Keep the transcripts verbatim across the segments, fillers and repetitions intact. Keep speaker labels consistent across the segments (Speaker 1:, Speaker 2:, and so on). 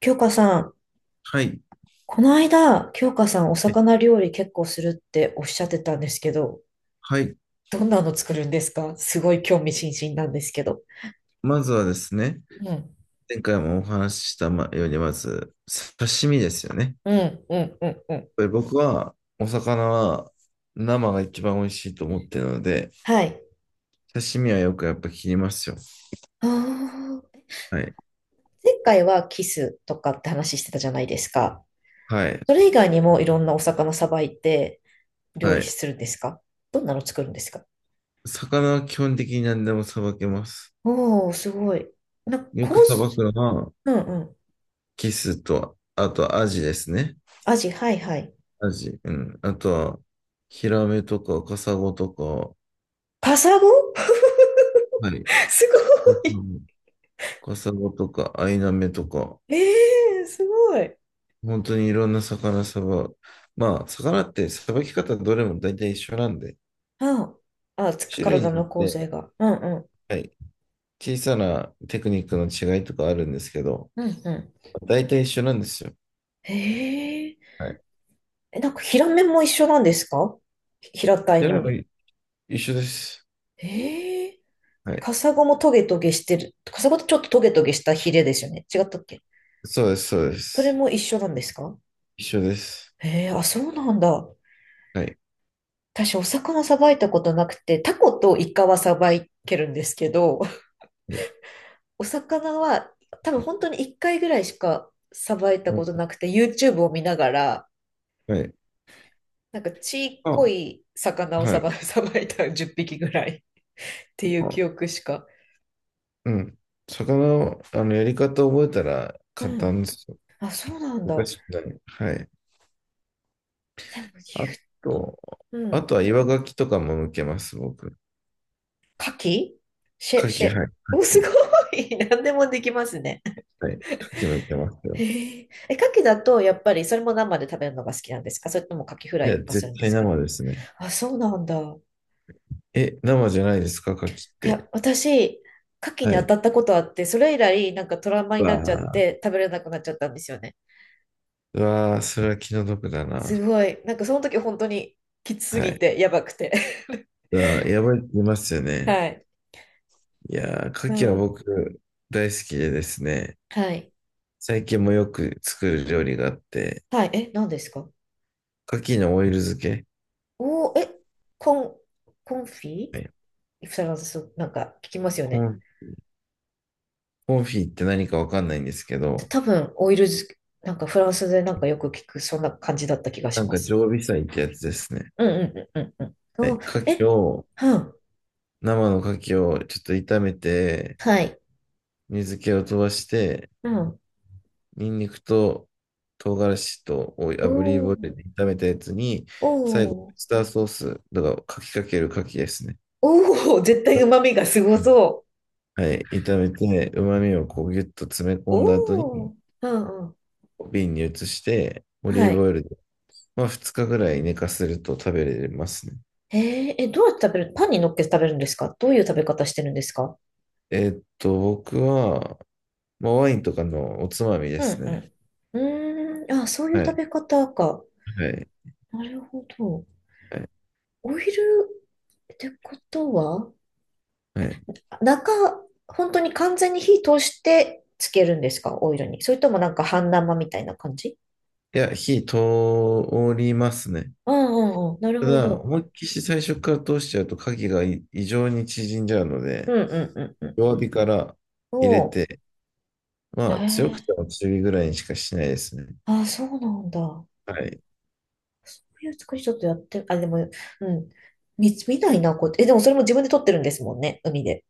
Speaker 1: 京香さん、
Speaker 2: はい。
Speaker 1: この間、京香さんお魚料理結構するっておっしゃってたんですけど、
Speaker 2: はい。
Speaker 1: どんなの作るんですか？すごい興味津々なんですけど。
Speaker 2: まずはですね、
Speaker 1: うん、
Speaker 2: 前回もお話ししたまように、まず、刺身ですよね。やっ
Speaker 1: うん、うん、うん、うん。
Speaker 2: ぱり僕は、お魚は生が一番美味しいと思ってるので、
Speaker 1: はい。
Speaker 2: 刺身はよくやっぱ切りますよ。
Speaker 1: ああ、
Speaker 2: はい。
Speaker 1: 前回はキスとかって話してたじゃないですか。
Speaker 2: はい。
Speaker 1: それ以外にもいろんなお魚さばいて料
Speaker 2: は
Speaker 1: 理
Speaker 2: い。
Speaker 1: するんですか？どんなの作るんですか？
Speaker 2: 魚は基本的に何でもさばけます。
Speaker 1: おー、すごい。な、
Speaker 2: よ
Speaker 1: コ
Speaker 2: く
Speaker 1: ー
Speaker 2: さば
Speaker 1: ス、
Speaker 2: くのは、
Speaker 1: うんうん。
Speaker 2: キスと、あとアジですね。
Speaker 1: アジ、はいはい。
Speaker 2: アジ。うん。あとは、ヒラメとか、カサゴとか、
Speaker 1: カサゴ。
Speaker 2: はい。
Speaker 1: すごい。
Speaker 2: カサゴとか、アイナメとか、
Speaker 1: ええー、すごい。
Speaker 2: 本当にいろんな魚さば、まあ、魚ってさばき方どれも大体一緒なんで、
Speaker 1: ああ、つく
Speaker 2: 種類に
Speaker 1: 体
Speaker 2: よ
Speaker 1: の
Speaker 2: っ
Speaker 1: 構成
Speaker 2: て、
Speaker 1: が。うんうん。
Speaker 2: はい、小さなテクニックの違いとかあるんですけど、
Speaker 1: うんうん。
Speaker 2: 大体一緒なんですよ。
Speaker 1: へえ。
Speaker 2: はい。
Speaker 1: え、なんか平面も一緒なんですか？ひ平たい
Speaker 2: それ
Speaker 1: の
Speaker 2: も
Speaker 1: に。
Speaker 2: 一緒です。
Speaker 1: へえ。
Speaker 2: はい。
Speaker 1: カサゴもトゲトゲしてる。カサゴってちょっとトゲトゲしたヒレですよね。違ったっけ？
Speaker 2: そうです、そうで
Speaker 1: それ
Speaker 2: す。
Speaker 1: も一緒なんですか？
Speaker 2: 一緒です。
Speaker 1: へえ、あ、そうなんだ。
Speaker 2: はい。
Speaker 1: 私、お魚さばいたことなくて、タコとイカはさばいけるんですけど、
Speaker 2: はい。
Speaker 1: お魚は多分本当にいっかいぐらいしかさばいたことなくて、YouTube を見ながら、
Speaker 2: はい。
Speaker 1: なんかちっこ
Speaker 2: あ、
Speaker 1: い魚を
Speaker 2: は
Speaker 1: さば、
Speaker 2: い。
Speaker 1: さばいたじゅっぴきぐらいっていう
Speaker 2: あ、
Speaker 1: 記憶しか。
Speaker 2: うん。魚の、あの、やり方覚えたら
Speaker 1: う
Speaker 2: 簡
Speaker 1: ん。
Speaker 2: 単ですよ。
Speaker 1: あ、そうなんだ。
Speaker 2: 難
Speaker 1: で
Speaker 2: しくない。はい。あ
Speaker 1: も
Speaker 2: と、
Speaker 1: 言う、う
Speaker 2: あ
Speaker 1: ん。
Speaker 2: とは岩牡蠣とかも向けます、僕。
Speaker 1: 牡蠣、シェ、
Speaker 2: 牡
Speaker 1: シ
Speaker 2: 蠣、
Speaker 1: ェ、
Speaker 2: はい。
Speaker 1: お、
Speaker 2: 牡
Speaker 1: すご
Speaker 2: 蠣。
Speaker 1: い。何でもできますね。
Speaker 2: はい。牡蠣もいけます
Speaker 1: へ
Speaker 2: よ。
Speaker 1: え。え、牡蠣だとやっぱりそれも生で食べるのが好きなんですか？それとも牡蠣フラ
Speaker 2: い
Speaker 1: イ
Speaker 2: や、
Speaker 1: とかする
Speaker 2: 絶
Speaker 1: んで
Speaker 2: 対
Speaker 1: すか？
Speaker 2: 生ですね。
Speaker 1: あ、そうなんだ。
Speaker 2: え、生じゃないですか、牡蠣っ
Speaker 1: い
Speaker 2: て？
Speaker 1: や、私、牡蠣に
Speaker 2: は
Speaker 1: 当た
Speaker 2: い。
Speaker 1: ったことあって、それ以来なんかトラウマ
Speaker 2: う
Speaker 1: になっちゃっ
Speaker 2: わあ、
Speaker 1: て食べれなくなっちゃったんですよね。
Speaker 2: うわあ、それは気の毒だな。
Speaker 1: すごい。なんかその時本当にきつす
Speaker 2: は
Speaker 1: ぎ
Speaker 2: い。
Speaker 1: て、やばくて。
Speaker 2: うわあ、やばいって言いますよ ね。
Speaker 1: はい。
Speaker 2: いやー、牡
Speaker 1: う
Speaker 2: 蠣は
Speaker 1: ん。
Speaker 2: 僕大好きでですね、
Speaker 1: はい。
Speaker 2: 最近もよく作る料理があって、
Speaker 1: はい。え、何ですか？
Speaker 2: 牡蠣のオイル漬け、
Speaker 1: おー、え、コン、コンフィ、
Speaker 2: はい
Speaker 1: フランス、なんか聞きますよ
Speaker 2: コ
Speaker 1: ね。
Speaker 2: ン、コンフィって何かわかんないんですけ
Speaker 1: た
Speaker 2: ど、
Speaker 1: 多分、オイル漬け、なんかフランスでなんかよく聞く、そんな感じだった気が
Speaker 2: な
Speaker 1: し
Speaker 2: ん
Speaker 1: ま
Speaker 2: か
Speaker 1: す。
Speaker 2: 常備菜ってやつですね。
Speaker 1: うんうんうんうんうん。
Speaker 2: は
Speaker 1: お
Speaker 2: い、
Speaker 1: ー、
Speaker 2: 牡
Speaker 1: え、
Speaker 2: 蠣を、
Speaker 1: うん。
Speaker 2: 生の牡蠣をちょっと炒めて、
Speaker 1: はい。
Speaker 2: 水気を飛ばして、
Speaker 1: うん。
Speaker 2: ニンニクと唐辛子とオイ
Speaker 1: お
Speaker 2: 炙りオイ
Speaker 1: ー、
Speaker 2: ルで炒めたやつに、最後、オイ
Speaker 1: お
Speaker 2: ス
Speaker 1: ー、
Speaker 2: ターソース、だから、かきかけるかきですね。
Speaker 1: おー、絶対旨味がすご
Speaker 2: うん
Speaker 1: そ
Speaker 2: はい、炒めて、旨味をこうギュッと詰め
Speaker 1: う。
Speaker 2: 込んだ後に、
Speaker 1: おー、うんうん。
Speaker 2: 瓶に移して、オリー
Speaker 1: は
Speaker 2: ブ
Speaker 1: い。
Speaker 2: オイルで、まあ、ふつかぐらい寝かせると食べれますね。
Speaker 1: へえ、え、どうやって食べる？パンに乗っけて食べるんですか？どういう食べ方してるんですか？
Speaker 2: えーっと、僕は、まあ、ワインとかのおつまみで
Speaker 1: うん
Speaker 2: す
Speaker 1: う
Speaker 2: ね。
Speaker 1: ん。うーん、あ、そういう
Speaker 2: は
Speaker 1: 食
Speaker 2: い、
Speaker 1: べ方か。
Speaker 2: はい、
Speaker 1: なるほど。
Speaker 2: はい。
Speaker 1: オイルってことは、
Speaker 2: はい
Speaker 1: あ中、本当に完全に火通してつけるんですか？オイルに。それともなんか半生みたいな感じ？
Speaker 2: いや、火通りますね。
Speaker 1: うんうんうん。なる
Speaker 2: た
Speaker 1: ほ
Speaker 2: だ、
Speaker 1: ど。
Speaker 2: 思いっきし最初から通しちゃうと影がい異常に縮んじゃうの
Speaker 1: う
Speaker 2: で、
Speaker 1: んうんうんうん。
Speaker 2: 弱火から入れ
Speaker 1: おう。
Speaker 2: て、
Speaker 1: へ
Speaker 2: まあ強く
Speaker 1: え。
Speaker 2: ても中火ぐらいにしかしないですね。
Speaker 1: あ、そうなんだ。
Speaker 2: はい。
Speaker 1: そういう作りちょっとやって、あ、でも、うん。見、見ないな、こうやって。え、でもそれも自分で撮ってるんですもんね、海で。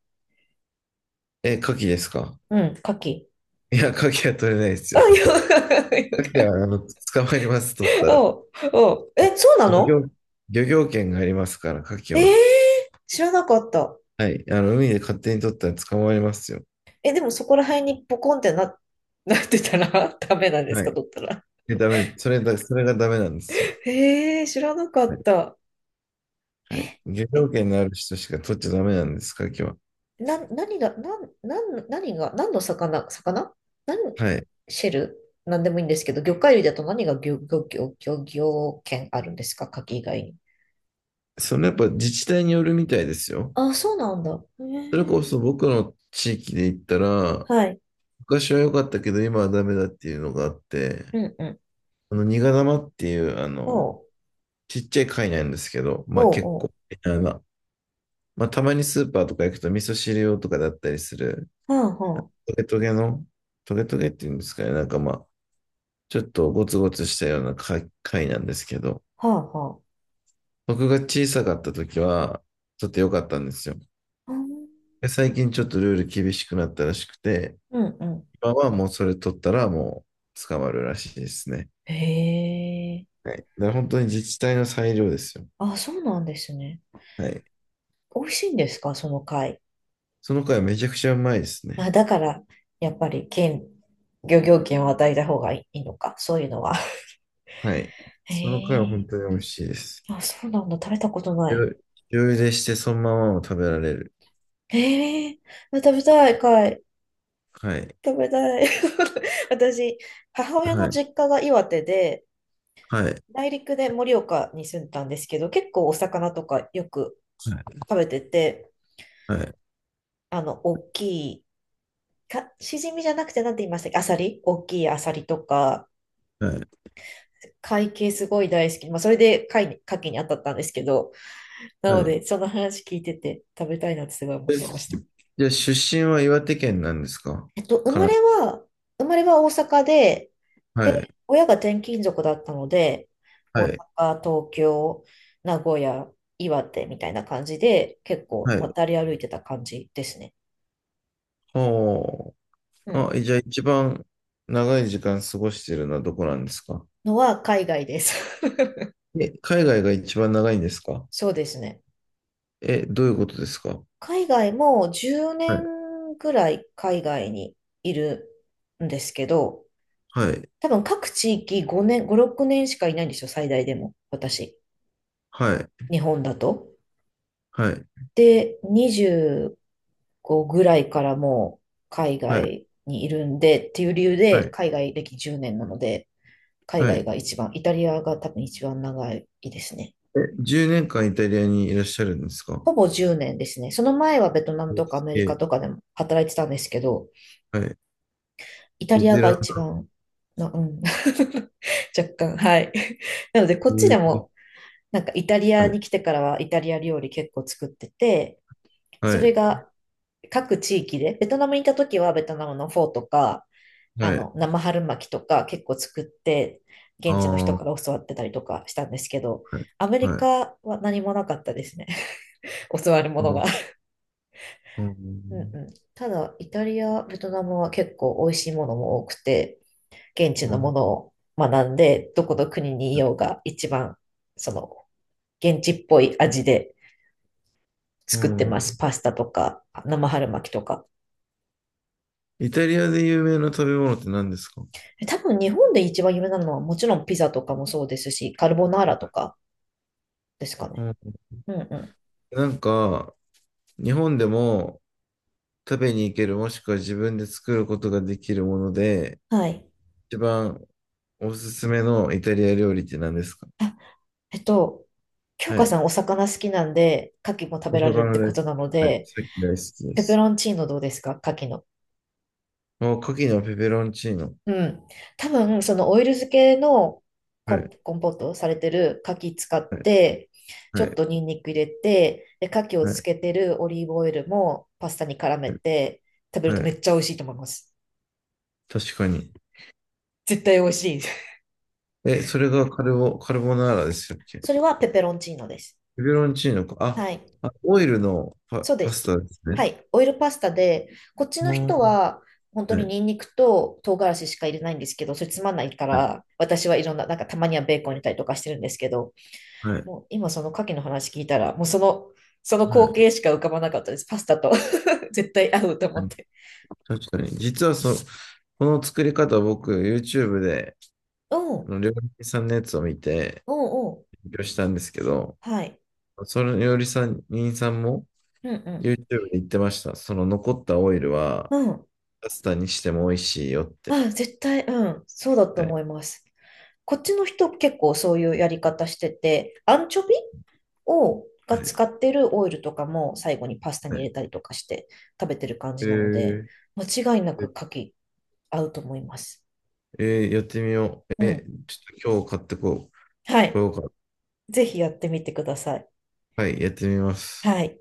Speaker 2: え、牡蠣ですか？
Speaker 1: うん、牡蠣。
Speaker 2: いや、牡蠣は取れないです
Speaker 1: あ、
Speaker 2: よ。
Speaker 1: ヨガ、
Speaker 2: 牡蠣
Speaker 1: ヨ
Speaker 2: は、あの、捕まえます、取ったら。
Speaker 1: おう、おう。え、そうな
Speaker 2: 漁
Speaker 1: の？
Speaker 2: 業、漁業権がありますから、牡蠣
Speaker 1: えー、
Speaker 2: は。
Speaker 1: 知らなかった。
Speaker 2: はい。あの、海で勝手に取ったら捕まりますよ。
Speaker 1: え、でもそこら辺にポコンってな、なってたら ダメなんです
Speaker 2: は
Speaker 1: か、
Speaker 2: い。
Speaker 1: 取ったら。
Speaker 2: で、ダメ、それだ、それがダメなんですよ。
Speaker 1: えー、知らなか
Speaker 2: は
Speaker 1: っ
Speaker 2: い。
Speaker 1: た。
Speaker 2: はい。
Speaker 1: え、
Speaker 2: 漁業
Speaker 1: え、
Speaker 2: 権のある人しか取っちゃダメなんです、牡蠣は。
Speaker 1: な、何が、なん、なん、何が、何の魚、魚なん
Speaker 2: はい。
Speaker 1: シェル、なんでもいいんですけど、魚介類だと何が漁、漁、漁、漁業権あるんですか、牡蠣以外に。
Speaker 2: そのやっぱ自治体によるみたいですよ。
Speaker 1: あ、そうなんだ。へ
Speaker 2: それこ
Speaker 1: え。
Speaker 2: そ僕の地域で言ったら、
Speaker 1: はい。
Speaker 2: 昔は良かったけど今はダメだっていうのがあって、
Speaker 1: うんうん。
Speaker 2: あの、ニガ玉っていう、あ
Speaker 1: お
Speaker 2: の、
Speaker 1: う、
Speaker 2: ちっちゃい貝なんですけど、まあ
Speaker 1: お
Speaker 2: 結
Speaker 1: う、お
Speaker 2: 構、
Speaker 1: う。
Speaker 2: あのまあたまにスーパーとか行くと味噌汁用とかだったりする、
Speaker 1: はんはん。
Speaker 2: トゲトゲの、トゲトゲっていうんですかね、なんかまあ、ちょっとゴツゴツしたような貝貝なんですけど、
Speaker 1: はあは
Speaker 2: 僕が小さかった時は、ちょっと良かったんですよ。
Speaker 1: あ。あー、
Speaker 2: で最近ちょっとルール厳しくなったらしくて、
Speaker 1: うんうん。
Speaker 2: 今はもうそれ取ったらもう捕まるらしいですね。
Speaker 1: へえ。
Speaker 2: はい。だから本当に自治体の裁量ですよ。
Speaker 1: あ、そうなんですね。
Speaker 2: はい。
Speaker 1: 美味しいんですか、その貝。
Speaker 2: その貝めちゃくちゃうまいです
Speaker 1: あ、
Speaker 2: ね。
Speaker 1: だから、やっぱり、県、漁業権を与えた方がいいのか、そういうのは。
Speaker 2: はい。
Speaker 1: へ
Speaker 2: その貝は本
Speaker 1: え。
Speaker 2: 当に美味しいです。
Speaker 1: あ、そうなんだ。食べたことない。
Speaker 2: 醤油でしてそのままも食べられる。
Speaker 1: へえ。あ、食べたい、貝。
Speaker 2: はい。
Speaker 1: 食べたい。私、母親
Speaker 2: は
Speaker 1: の
Speaker 2: い。
Speaker 1: 実家が岩手で、
Speaker 2: はい。
Speaker 1: 内陸で盛岡に住んでたんですけど、結構お魚とかよく食べてて、
Speaker 2: はい。
Speaker 1: あの、大きいか、しじみじゃなくてなんて言いましたっけ？アサリ、大きいアサリとか、
Speaker 2: はい。
Speaker 1: 貝系すごい大好き。まあ、それで貝に、牡蠣に当たったんですけど、なの
Speaker 2: はい。
Speaker 1: で、その話聞いてて食べたいなってすごい思っ
Speaker 2: え
Speaker 1: てました。
Speaker 2: じゃあ出身は岩手県なんですか？
Speaker 1: えっと、生
Speaker 2: か
Speaker 1: ま
Speaker 2: な。
Speaker 1: れは、生まれは大阪で、
Speaker 2: はい。
Speaker 1: で、親が転勤族だったので、
Speaker 2: は
Speaker 1: 大
Speaker 2: い。
Speaker 1: 阪、東京、名古屋、岩手みたいな感じで、結構
Speaker 2: はい。
Speaker 1: 渡り歩いてた感じですね。
Speaker 2: ほ
Speaker 1: う
Speaker 2: う。
Speaker 1: ん。
Speaker 2: あ、じゃあ一番長い時間過ごしてるのはどこなんですか？
Speaker 1: のは海外です。
Speaker 2: え、海外が一番長いんですか？
Speaker 1: そうですね。
Speaker 2: え、どういうことですか？
Speaker 1: 海外もう10
Speaker 2: はい、
Speaker 1: 年ぐらい海外にいるんですけど、
Speaker 2: はい、
Speaker 1: 多分各地域ごねん、ご、ろくねんしかいないんですよ、最大でも。私。
Speaker 2: はい、
Speaker 1: 日本だと。
Speaker 2: はい、
Speaker 1: で、にじゅうごぐらいからもう海
Speaker 2: はい、
Speaker 1: 外にいるんでっていう理由
Speaker 2: は
Speaker 1: で
Speaker 2: い、
Speaker 1: 海外歴じゅうねんなので、海
Speaker 2: は
Speaker 1: 外
Speaker 2: い。
Speaker 1: が一番、イタリアが多分一番長いですね。
Speaker 2: え、じゅうねんかんイタリアにいらっしゃるんですか？
Speaker 1: ほぼじゅうねんですね。その前はベトナムとかアメリカ
Speaker 2: え、
Speaker 1: とかでも働いてたんですけど、
Speaker 2: はい。
Speaker 1: イタ
Speaker 2: ベ
Speaker 1: リア
Speaker 2: テ
Speaker 1: が
Speaker 2: ラン
Speaker 1: 一番、な、うん。若干、はい。なので、こっちで
Speaker 2: で
Speaker 1: も、なんかイタリア
Speaker 2: は
Speaker 1: に
Speaker 2: い、
Speaker 1: 来てからはイタリア料理結構作ってて、そ
Speaker 2: はい、
Speaker 1: れが各地域で、ベトナムにいた時はベトナムのフォーとか、あ
Speaker 2: はい。
Speaker 1: の、生春巻きとか結構作って、
Speaker 2: あ
Speaker 1: 現地の
Speaker 2: あ、
Speaker 1: 人
Speaker 2: は
Speaker 1: から教わってたりとかしたんですけど、
Speaker 2: い、
Speaker 1: アメリ
Speaker 2: はい。
Speaker 1: カは何もなかったですね。教わるも
Speaker 2: う
Speaker 1: のが。
Speaker 2: ん、う
Speaker 1: うんう
Speaker 2: ん、
Speaker 1: ん。ただ、イタリア、ベトナムは結構美味しいものも多くて、現地
Speaker 2: う
Speaker 1: のも
Speaker 2: ん、
Speaker 1: のを学んで、どこの国にいようが一番、その、現地っぽい味で
Speaker 2: う
Speaker 1: 作ってます。
Speaker 2: ん。
Speaker 1: パスタとか、生春巻きとか。
Speaker 2: イタリアで有名な食べ物って何ですか？
Speaker 1: 多分日本で一番有名なのはもちろんピザとかもそうですし、カルボナーラとかですか
Speaker 2: う
Speaker 1: ね。
Speaker 2: ん、
Speaker 1: うんう
Speaker 2: なんか、日本でも食べに行ける、もしくは自分で作ることができるもので、
Speaker 1: ん。はい。
Speaker 2: 一番おすすめのイタリア料理って何ですか？
Speaker 1: あ、えっと、京
Speaker 2: は
Speaker 1: 香さ
Speaker 2: い。
Speaker 1: んお魚好きなんで、牡蠣も食
Speaker 2: お
Speaker 1: べられるっ
Speaker 2: 魚
Speaker 1: てこ
Speaker 2: で
Speaker 1: と
Speaker 2: す。
Speaker 1: なの
Speaker 2: はい。
Speaker 1: で、
Speaker 2: さっき大好きで
Speaker 1: ペペ
Speaker 2: す。
Speaker 1: ロンチーノどうですか？牡蠣の。
Speaker 2: お、牡蠣のペペロンチーノ。
Speaker 1: うん。多分、そのオイル漬けの
Speaker 2: は
Speaker 1: コン、
Speaker 2: い。
Speaker 1: コンポートされてる牡蠣使っ
Speaker 2: はい。
Speaker 1: て、ちょ
Speaker 2: は
Speaker 1: っ
Speaker 2: い。
Speaker 1: とニンニク入れて、で、牡蠣を
Speaker 2: は
Speaker 1: つ
Speaker 2: い。
Speaker 1: けてるオリーブオイルもパスタに絡め
Speaker 2: はい
Speaker 1: て食べる
Speaker 2: は
Speaker 1: とめ
Speaker 2: い
Speaker 1: っちゃ美味しいと思います。
Speaker 2: 確かに。
Speaker 1: 絶対美味しい。
Speaker 2: え、それがカルボ、カルボナーラでしたっけ？
Speaker 1: それはペペロンチーノです。
Speaker 2: ペペロンチーノか。
Speaker 1: はい。
Speaker 2: あ、あ、オイルのパ、
Speaker 1: そうで
Speaker 2: パス
Speaker 1: す。
Speaker 2: タですね。
Speaker 1: はい。オイルパスタで、こっちの
Speaker 2: うん
Speaker 1: 人は本当
Speaker 2: は
Speaker 1: に
Speaker 2: い。
Speaker 1: ニンニクと唐辛子しか入れないんですけど、それつまんないか
Speaker 2: はい。
Speaker 1: ら、私はいろんな、なんかたまにはベーコン入れたりとかしてるんですけど、
Speaker 2: はい。
Speaker 1: もう今その牡蠣の話聞いたら、もうその、その
Speaker 2: は
Speaker 1: 光
Speaker 2: い。
Speaker 1: 景しか浮かばなかったです。パスタと、 絶対合うと思
Speaker 2: は
Speaker 1: っ
Speaker 2: い
Speaker 1: て。
Speaker 2: 確かに。実はそ、この作り方僕、YouTube で、
Speaker 1: うん、
Speaker 2: あ
Speaker 1: う
Speaker 2: の料理人さんのやつを見て、
Speaker 1: ん、うん。
Speaker 2: 勉強したんですけど、
Speaker 1: はい。
Speaker 2: そのよりさん、りさんも
Speaker 1: うん、
Speaker 2: YouTube で言ってました。その残ったオイルは
Speaker 1: うん。うん。
Speaker 2: パスタにしても美味しいよって。
Speaker 1: あ、絶対、うん。そうだと
Speaker 2: は
Speaker 1: 思
Speaker 2: い。
Speaker 1: います。こっちの人結構そういうやり方してて、アンチョビを、が
Speaker 2: は
Speaker 1: 使
Speaker 2: い。
Speaker 1: ってるオイルとかも最後にパスタ
Speaker 2: は
Speaker 1: に入
Speaker 2: い
Speaker 1: れたりとかして食べてる感
Speaker 2: え
Speaker 1: じなので、
Speaker 2: ー、
Speaker 1: 間違いなく牡蠣合うと思います。
Speaker 2: えーやってみよ
Speaker 1: う
Speaker 2: う。え、
Speaker 1: ん。
Speaker 2: ちょっと今日買ってこう。
Speaker 1: は
Speaker 2: こ
Speaker 1: い。
Speaker 2: ようか。
Speaker 1: ぜひやってみてください。
Speaker 2: はい、やってみます。
Speaker 1: はい。